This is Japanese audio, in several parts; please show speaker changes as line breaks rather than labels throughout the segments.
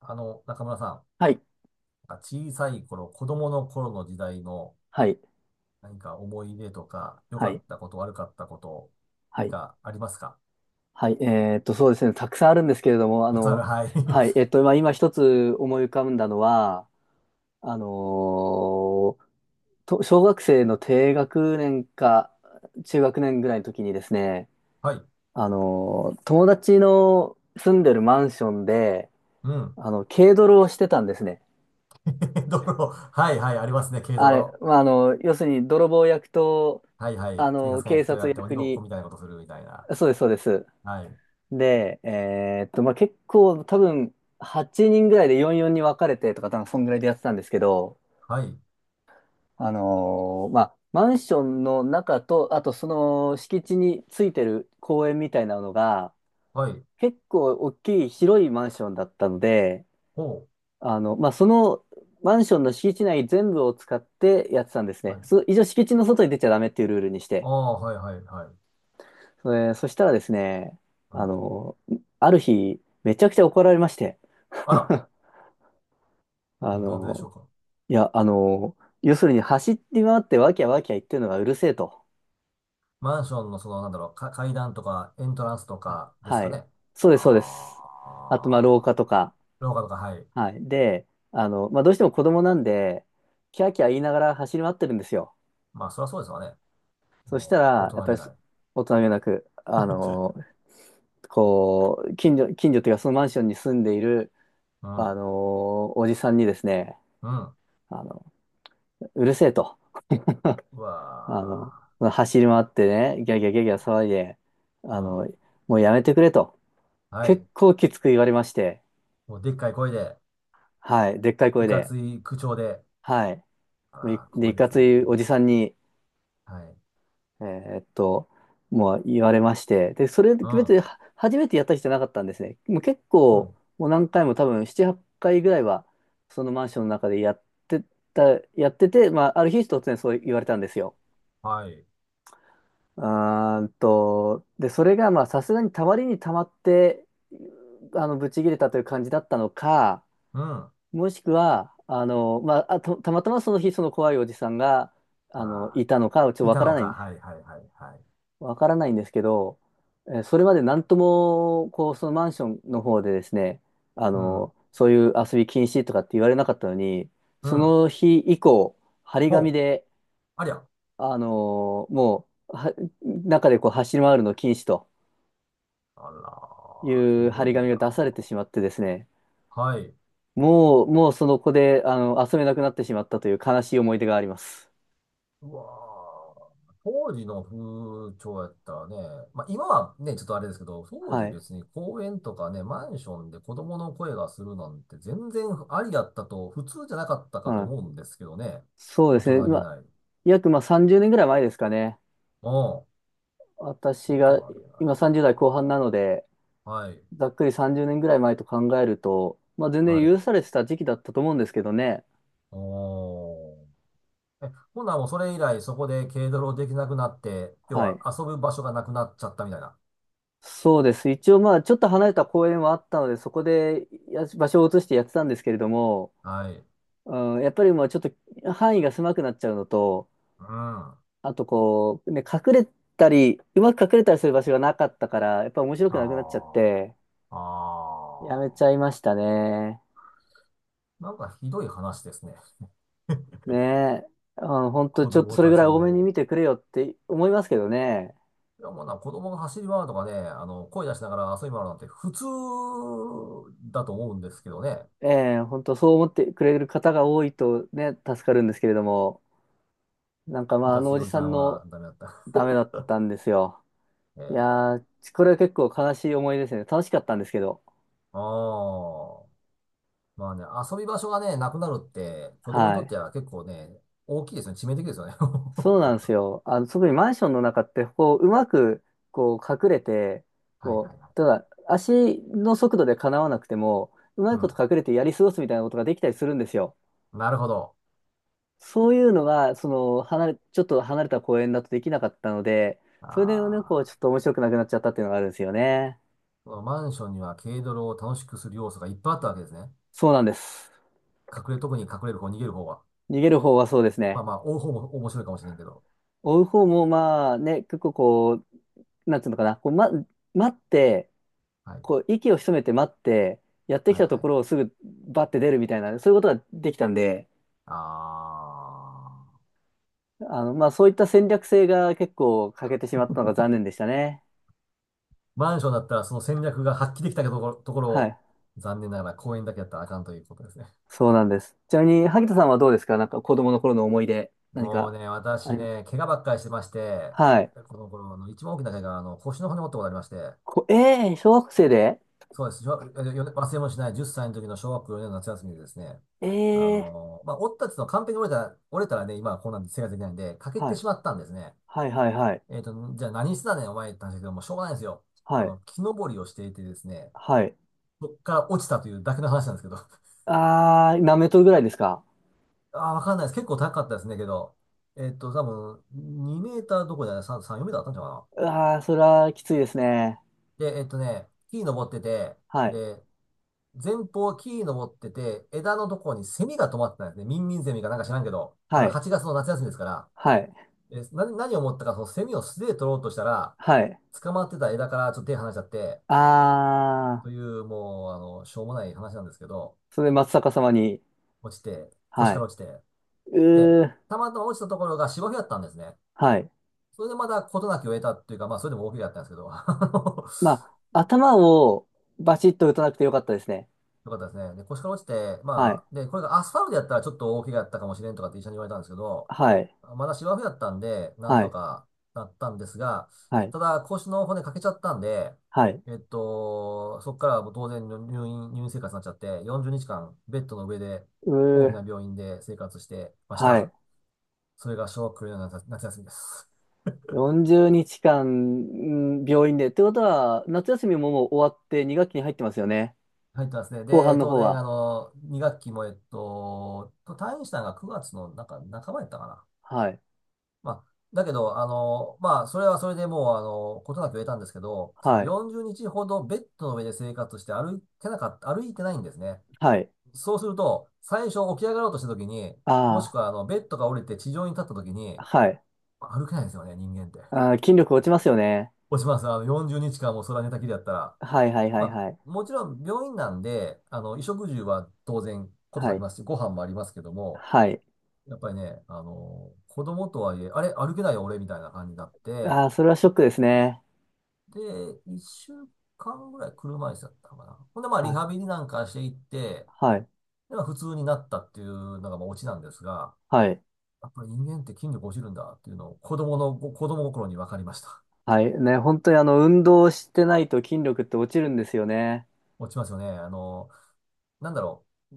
中村さん、
はい、
なんか小さい頃、子供の頃の時代の
はい、
何か思い出とか、良
は
か
い、
ったこと、悪かったこと、
は
何
い、
かありますか？
はい、そうですね、たくさんあるんですけれども、
たくさんある。はい。
はい、まあ、今一つ思い浮かんだのは、あのーと、小学生の低学年か中学年ぐらいの時にですね、
はい。
友達の住んでるマンションで、
うん。
軽泥をしてたんですね。
泥。はいはい。ありますね。軽
あれ、
泥。
まあ、要するに泥棒役と、
はいはい。警察官
警
役とやっ
察
て鬼
役
ごっこ
に、
みたいなことするみたいな。
そうです、そうです。
はい。
で、まあ、結構多分8人ぐらいで44に分かれてとか、多分そんぐらいでやってたんですけど、
はい。
まあ、マンションの中と、あとその敷地についてる公園みたいなのが、
はい。
結構大きい広いマンションだったので、
ほ
まあ、そのマンションの敷地内全部を使ってやってたんです
う。は
ね。
い。
一応敷地の外に出ちゃダメっていうルールにし
あ
て。
あ、はいはいはい。
そしたらですね、
う
あ
ん。
の、ある日、めちゃくちゃ怒られまして。
あら。
あ
なんででしょう
の、
か？
いや、要するに走り回ってワキゃワキゃ言ってるのがうるせえと。
マンションのその、なんだろう、か階段とかエントランスと
あ、
かです
は
か
い。
ね。
そうです、そうです。
あ
あと、まあ、廊下
あ。
とか。
廊下とか、はい。
はい。で、まあ、どうしても子供なんで、キャーキャー言いながら走り回ってるんですよ。
まあ、そりゃそうですわね。
そした
もう、大
ら、やっ
人
ぱ
げ
りそ
ない。
大人げなく、こう、近所というか、そのマンションに住んでいる、
うん。
おじさんにですね、
うん。
あの、うるせえと。
う
あの、
わ
走り回ってね、ギャーギャーギャーギャー騒いで、
ー。
あ
うん。
の、もうやめてくれと、
はい。
結構きつく言われまして、
もう、でっかい声で、
はい、でっかい
い
声
か
で、
つい口調で。
はい、
あ
もうい
ら、
で、
怖
い
いで
か
す
つ
ね。
いおじさんに、
はい。
えーっと、もう言われまして、で、それ
う
別
ん。
には初めてやった人じゃなかったんですね。もう結
う
構、
ん。
もう何回も多分7、8回ぐらいは、そのマンションの中でやってた、やってて、まあ、ある日突然そう言われたんですよ。
はい。
あーんと、で、それがまあさすがにたまりにたまって、ぶち切れたという感じだったのか、
うん。あ
もしくは、まあ、あと、たまたまその日その怖いおじさんが、
あ、
いたのか、ちょっと
い
わ
た
か
の
らな
か。
いんで
はい、
す。
はい、はい、はい。
わからないんですけど、それまでなんとも、こう、そのマンションの方でですね、
うん。
そういう遊び禁止とかって言われなかったのに、
う
そ
ん。
の日以降、張り紙
ほう。
で、
ありゃ。
あの、もう、は中でこう走り回るの禁止と。
あ
い
ら、
う
ひ
張
ど
り
い
紙が
な。
出されてしまってですね、
はい。
もうその子で、遊べなくなってしまったという悲しい思い出があります。
うわー当時の風潮やったらね、まあ今はね、ちょっとあれですけど、当
は
時
い。
別に公園とかね、マンションで子供の声がするなんて全然ありだったと、普通じゃなかったかと
は
思
い。
うんですけどね。
そうで
大
すね。
人
ま
げ
あ、
ない。うん。
約まあ30年ぐらい前ですかね。
大
私
人
が
げない
今
な
30代後半なので、
あ。はい。
ざっくり30年ぐらい前と考えると、まあ全
は
然許
い。
されてた時期だったと思うんですけどね。
おー。え、ほんならもうそれ以来そこで軽泥できなくなって、要
は
は
い。
遊ぶ場所がなくなっちゃったみたいな。
そうです。一応まあちょっと離れた公園はあったので、そこでや場所を移してやってたんですけれども、
はい。
うん、やっぱりまあちょっと範囲が狭くなっちゃうのと、
うん。あ
あとこう、ね、隠れたり、うまく隠れたりする場所がなかったから、やっぱ面白くなくなっちゃっ
あ。
て、
あ
やめ
あ。
ちゃいましたね。
なんかひどい話ですね。
ねえ。うん、本当
子
ちょっと
供
それ
た
ぐらい
ち
多めに
の。
見てくれよって思いますけどね。
いや、もうな、子供が走り回るとかね、声出しながら遊び回るなんて普通だと思うんですけどね。
ええ、本当そう思ってくれる方が多いとね、助かるんですけれども、なんかま
い
あ、あ
か
の
つ
お
い
じ
おじ
さ
さ
ん
んは
の
ダメだった。
ダメだったんですよ。い
え
やー、これは結構悲しい思い出ですね。楽しかったんですけど。
ー、ああ。まあね、遊び場所がね、なくなるって、子供に
は
とっ
い。
ては結構ね、大きいですね。致命的ですよね。
そう なんですよ。特にマンションの中って、こう、うまく、こう、隠れて、
はい
こ
はいはい。
う、ただ、足の速度でかなわなくても、うま
う
いこ
ん。
と隠れてやり過ごすみたいなことができたりするんですよ。
なるほど。
そういうのが、ちょっと離れた公園だとできなかったので、
あ
それでね、こう、
あ。
ちょっと面白くなくなっちゃったっていうのがあるんですよね。
このマンションには軽泥を楽しくする要素がいっぱいあったわけですね。
そうなんです。
隠れ、特に隠れる方、逃げる方は。
逃げる方はそうです
ま
ね。
あまあ、追う方も面白いかもしれんけど。
追う方も、まあね、結構こう、なんていうのかな、こう、待って、
はい。
息を潜めて待って、やってき
はい
たと
はい。
ころをすぐバッて出るみたいな、そういうことができたんで、
あー。
まあ、そういった戦略性が結構欠けてしまったのが残念でしたね。
マンションだったらその戦略が発揮できたところ、ところ
は
を、
い。
残念ながら公園だけやったらあかんということですね。
そうなんです。ちなみに、萩田さんはどうですか？なんか子供の頃の思い出、何
もう
か
ね、
あ
私
りま
ね、
す？
怪我ばっかりしてまして、
はい。
この頃の一番大きな怪我は、腰の骨折ったことがありまして、
こ、えー、小学生で
そうです。小学よね忘れもしない10歳の時の小学校4年の夏休みでですね、
えー、
まあ、折ったっていうのは完璧に折れたら、折れたらね、今はこんなんで生活できないんで、欠け
は
て
い。
しまったんですね。
はいはいはい。
えっと、じゃあ何してたねん、お前って話だけど、もうしょうがないんですよ。
はい。
木登りをしていてですね、
はい。
そっから落ちたというだけの話なんですけど。
あー、何メートルぐらいですか？
あー、わかんないです。結構高かったですね、けど。えっと、多分、2メーターどころじゃない、3、4メーターあったんじゃなかな。
あー、それはきついですね。
で、えっとね、木に登ってて、
はい。
で、前方木に登ってて、枝のところにセミが止まってたんですね。ミンミンセミかなんか知らんけど、ま
は
だ
い。
8月の夏休みですから。
はい。
え、何を思ったか、そのセミを素手で取ろうとしたら、
はい。
捕まってた枝からちょっと手離しちゃって、
あ
と
ー。
いう、もう、しょうもない話なんですけど、
それで松坂様に、
落ちて、腰
は
か
い。
ら落ちて。で、
うー、
たまたま落ちたところが芝生だったんですね。
はい。
それでまだ事なきを得たっていうか、まあ、それでも大怪我だったんですけど、
まあ、頭をバチッと打たなくてよかったですね。
よかったですね。で、腰から落ちて、
はい。
まあ、で、これがアスファルトやったらちょっと大怪我だったかもしれんとかって医者に言われたんですけど、
はい。
まだ芝生やったんで、なん
は
と
い。
かなったんですが、
はい。
ただ腰の骨欠けちゃったんで、
はい。
えっと、そこからはもう当然入院、入院生活になっちゃって、40日間ベッドの上で
う
大き
ー、
な病院で生活してまし
は
た。
い。
それが小学校年の夏休みです。
40日間、うん、病院で。ってことは、夏休みももう終わって2学期に入ってますよね。
入ってますね。
後半
で、
の
当
方
然、
は。
2学期も、えっと、退院したのが9月のなんか半ばやったかな。
はい。
まあ、だけど、それはそれでもう、ことなく得たんですけど、その
はい。
40日ほどベッドの上で生活して歩いてなかった、歩いてないんですね。
はい。
そうすると、最初起き上がろうとした時に、もし
あ
くは、ベッドが降りて地上に立った時
あ、
に、
はい。
歩けないんですよね、人間って。
ああ、筋力落ちますよね。
落ちます。40日間もう空寝たきりやったら。
はいはいはい
ま
はい。
あ、もちろん病院なんで、衣食住は当然こと
は
なり
い。
ますし、ご飯もありますけども、
はい。
やっぱりね、子供とはいえ、あれ、歩けないよ、俺、みたいな感じになって、
ああ、それはショックですね。
で、一週間ぐらい車椅子だったかな。ほんで、まあ、
は
リ
い。
ハビリなんかしていって、
はい。
で、まあ、普通になったっていうのが、まあ、オチなんですが、
はい。
やっぱり人間って筋力落ちるんだっていうのを、子供の、子供心に分かりました。
はい。ね、本当に運動してないと筋力って落ちるんですよね。
落ちますよね。なんだろう。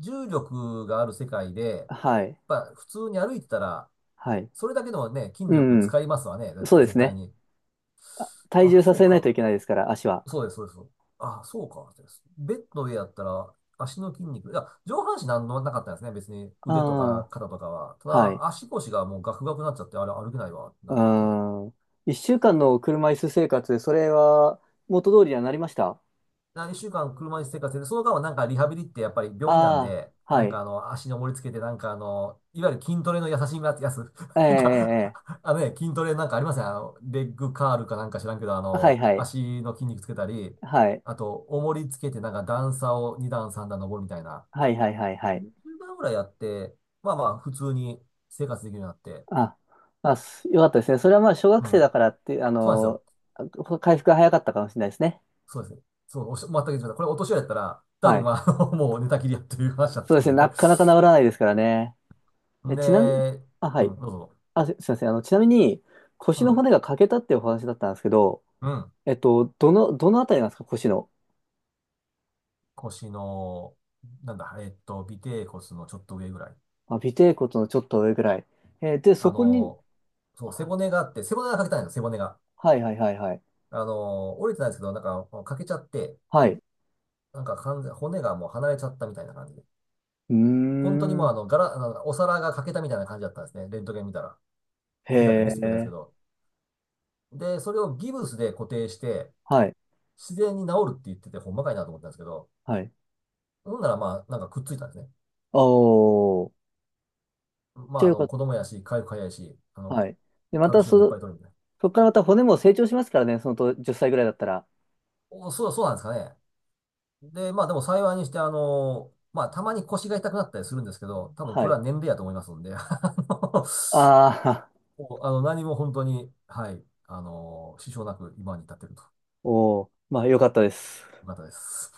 重力がある世界で、やっ
はい。
ぱ普通に歩いてたら、
はい。
それだけのね、筋
う
力
ん、うん。
使いますわね。だっ
そう
て
で
絶
す
対
ね。
に。
体
あ、
重さ
そう
せないとい
か。
けないですから、足は。
そうです、そうです。あ、そうか。ベッドの上やったら、足の筋肉。いや、上半身なんのなかったんですね。別に
あ
腕とか
あ、
肩とかは。た
はい。
だ、足腰がもうガクガクになっちゃって、あれ歩けないわって
う
なって。
ん。一週間の車椅子生活、それは元通りにはなりました？
何週間車椅子生活で、その間はなんかリハビリってやっぱり病院なん
あ
で、
あ、は
なん
い。
か足に重りつけて、なんかいわゆる筋トレの優しいやつ
ええ、え
なんか、
え、え
あのね、筋トレなんかありません、レッグカールかなんか知らんけど、
え、はい、はい。
足の筋肉つけたり、
はい。
あと、重りつけてなんか段差を2段3段登るみたいな、
はい、はい、はい、はい。
10番ぐらいやって、まあまあ、普通に生活できるようになって、
あ、よかったですね。それはまあ、小学
う
生だ
ん。
からって、
そうなんですよ。
回復が早かったかもしれないですね。
そうですね。そう、おっしゃ全く言ってました。これお年寄りやったら、多
は
分
い。
まあ、もう寝たきりやっていう話だっ
そうで
た
す
ん
ね、
で
なかなか治らないですからね。ちなみに、
で、
あ、は
う
い。
ん、どうぞ。
あ、すいません。ちなみに、
う
腰の
ん、
骨が欠けたっていうお話だったんですけど、
うん。
どのあたりなんですか、腰の。
腰の、なんだ、えっと、尾てい骨のちょっと上ぐらい。
あ、尾てい骨のちょっと上ぐらい。で、そ
あ
こに、
の、そう、背
は
骨があって、背骨が欠けたんですよ、背骨が。
はいはいはいはい。
折れてないんですけど、なんか、欠けちゃって、
はい。う
なんか完全、骨がもう離れちゃったみたいな感じで。
ー
本当にもう
ん。
あの、ガラ、あのお皿が欠けたみたいな感じだったんですね。レントゲン見たら。見たって見
へ
せてくれたんですけ
え。
ど。で、それをギブスで固定して、
はい。
自然に治るって言ってて、ほんまかいなと思ったんですけど、
はい。
ほんならまあ、なんかくっついたんですね。
おー。
ま
じ
あ、
ゃあよかっ
子供やし、回復早いし、あ
た。
の、
はい。で、ま
カル
た
シウムいっぱい取るみたいな。
そこからまた骨も成長しますからね、そのと10歳ぐらいだったら。
お、そう、そうなんですかね。で、まあ、でも幸いにして、たまに腰が痛くなったりするんですけど、多分こ
は
れ
い。
は年齢やと思いますんで、
ああ、
もうあの何も本当に、はい、支障なく今に至っているとい
おー。まあよかったです。
う方です。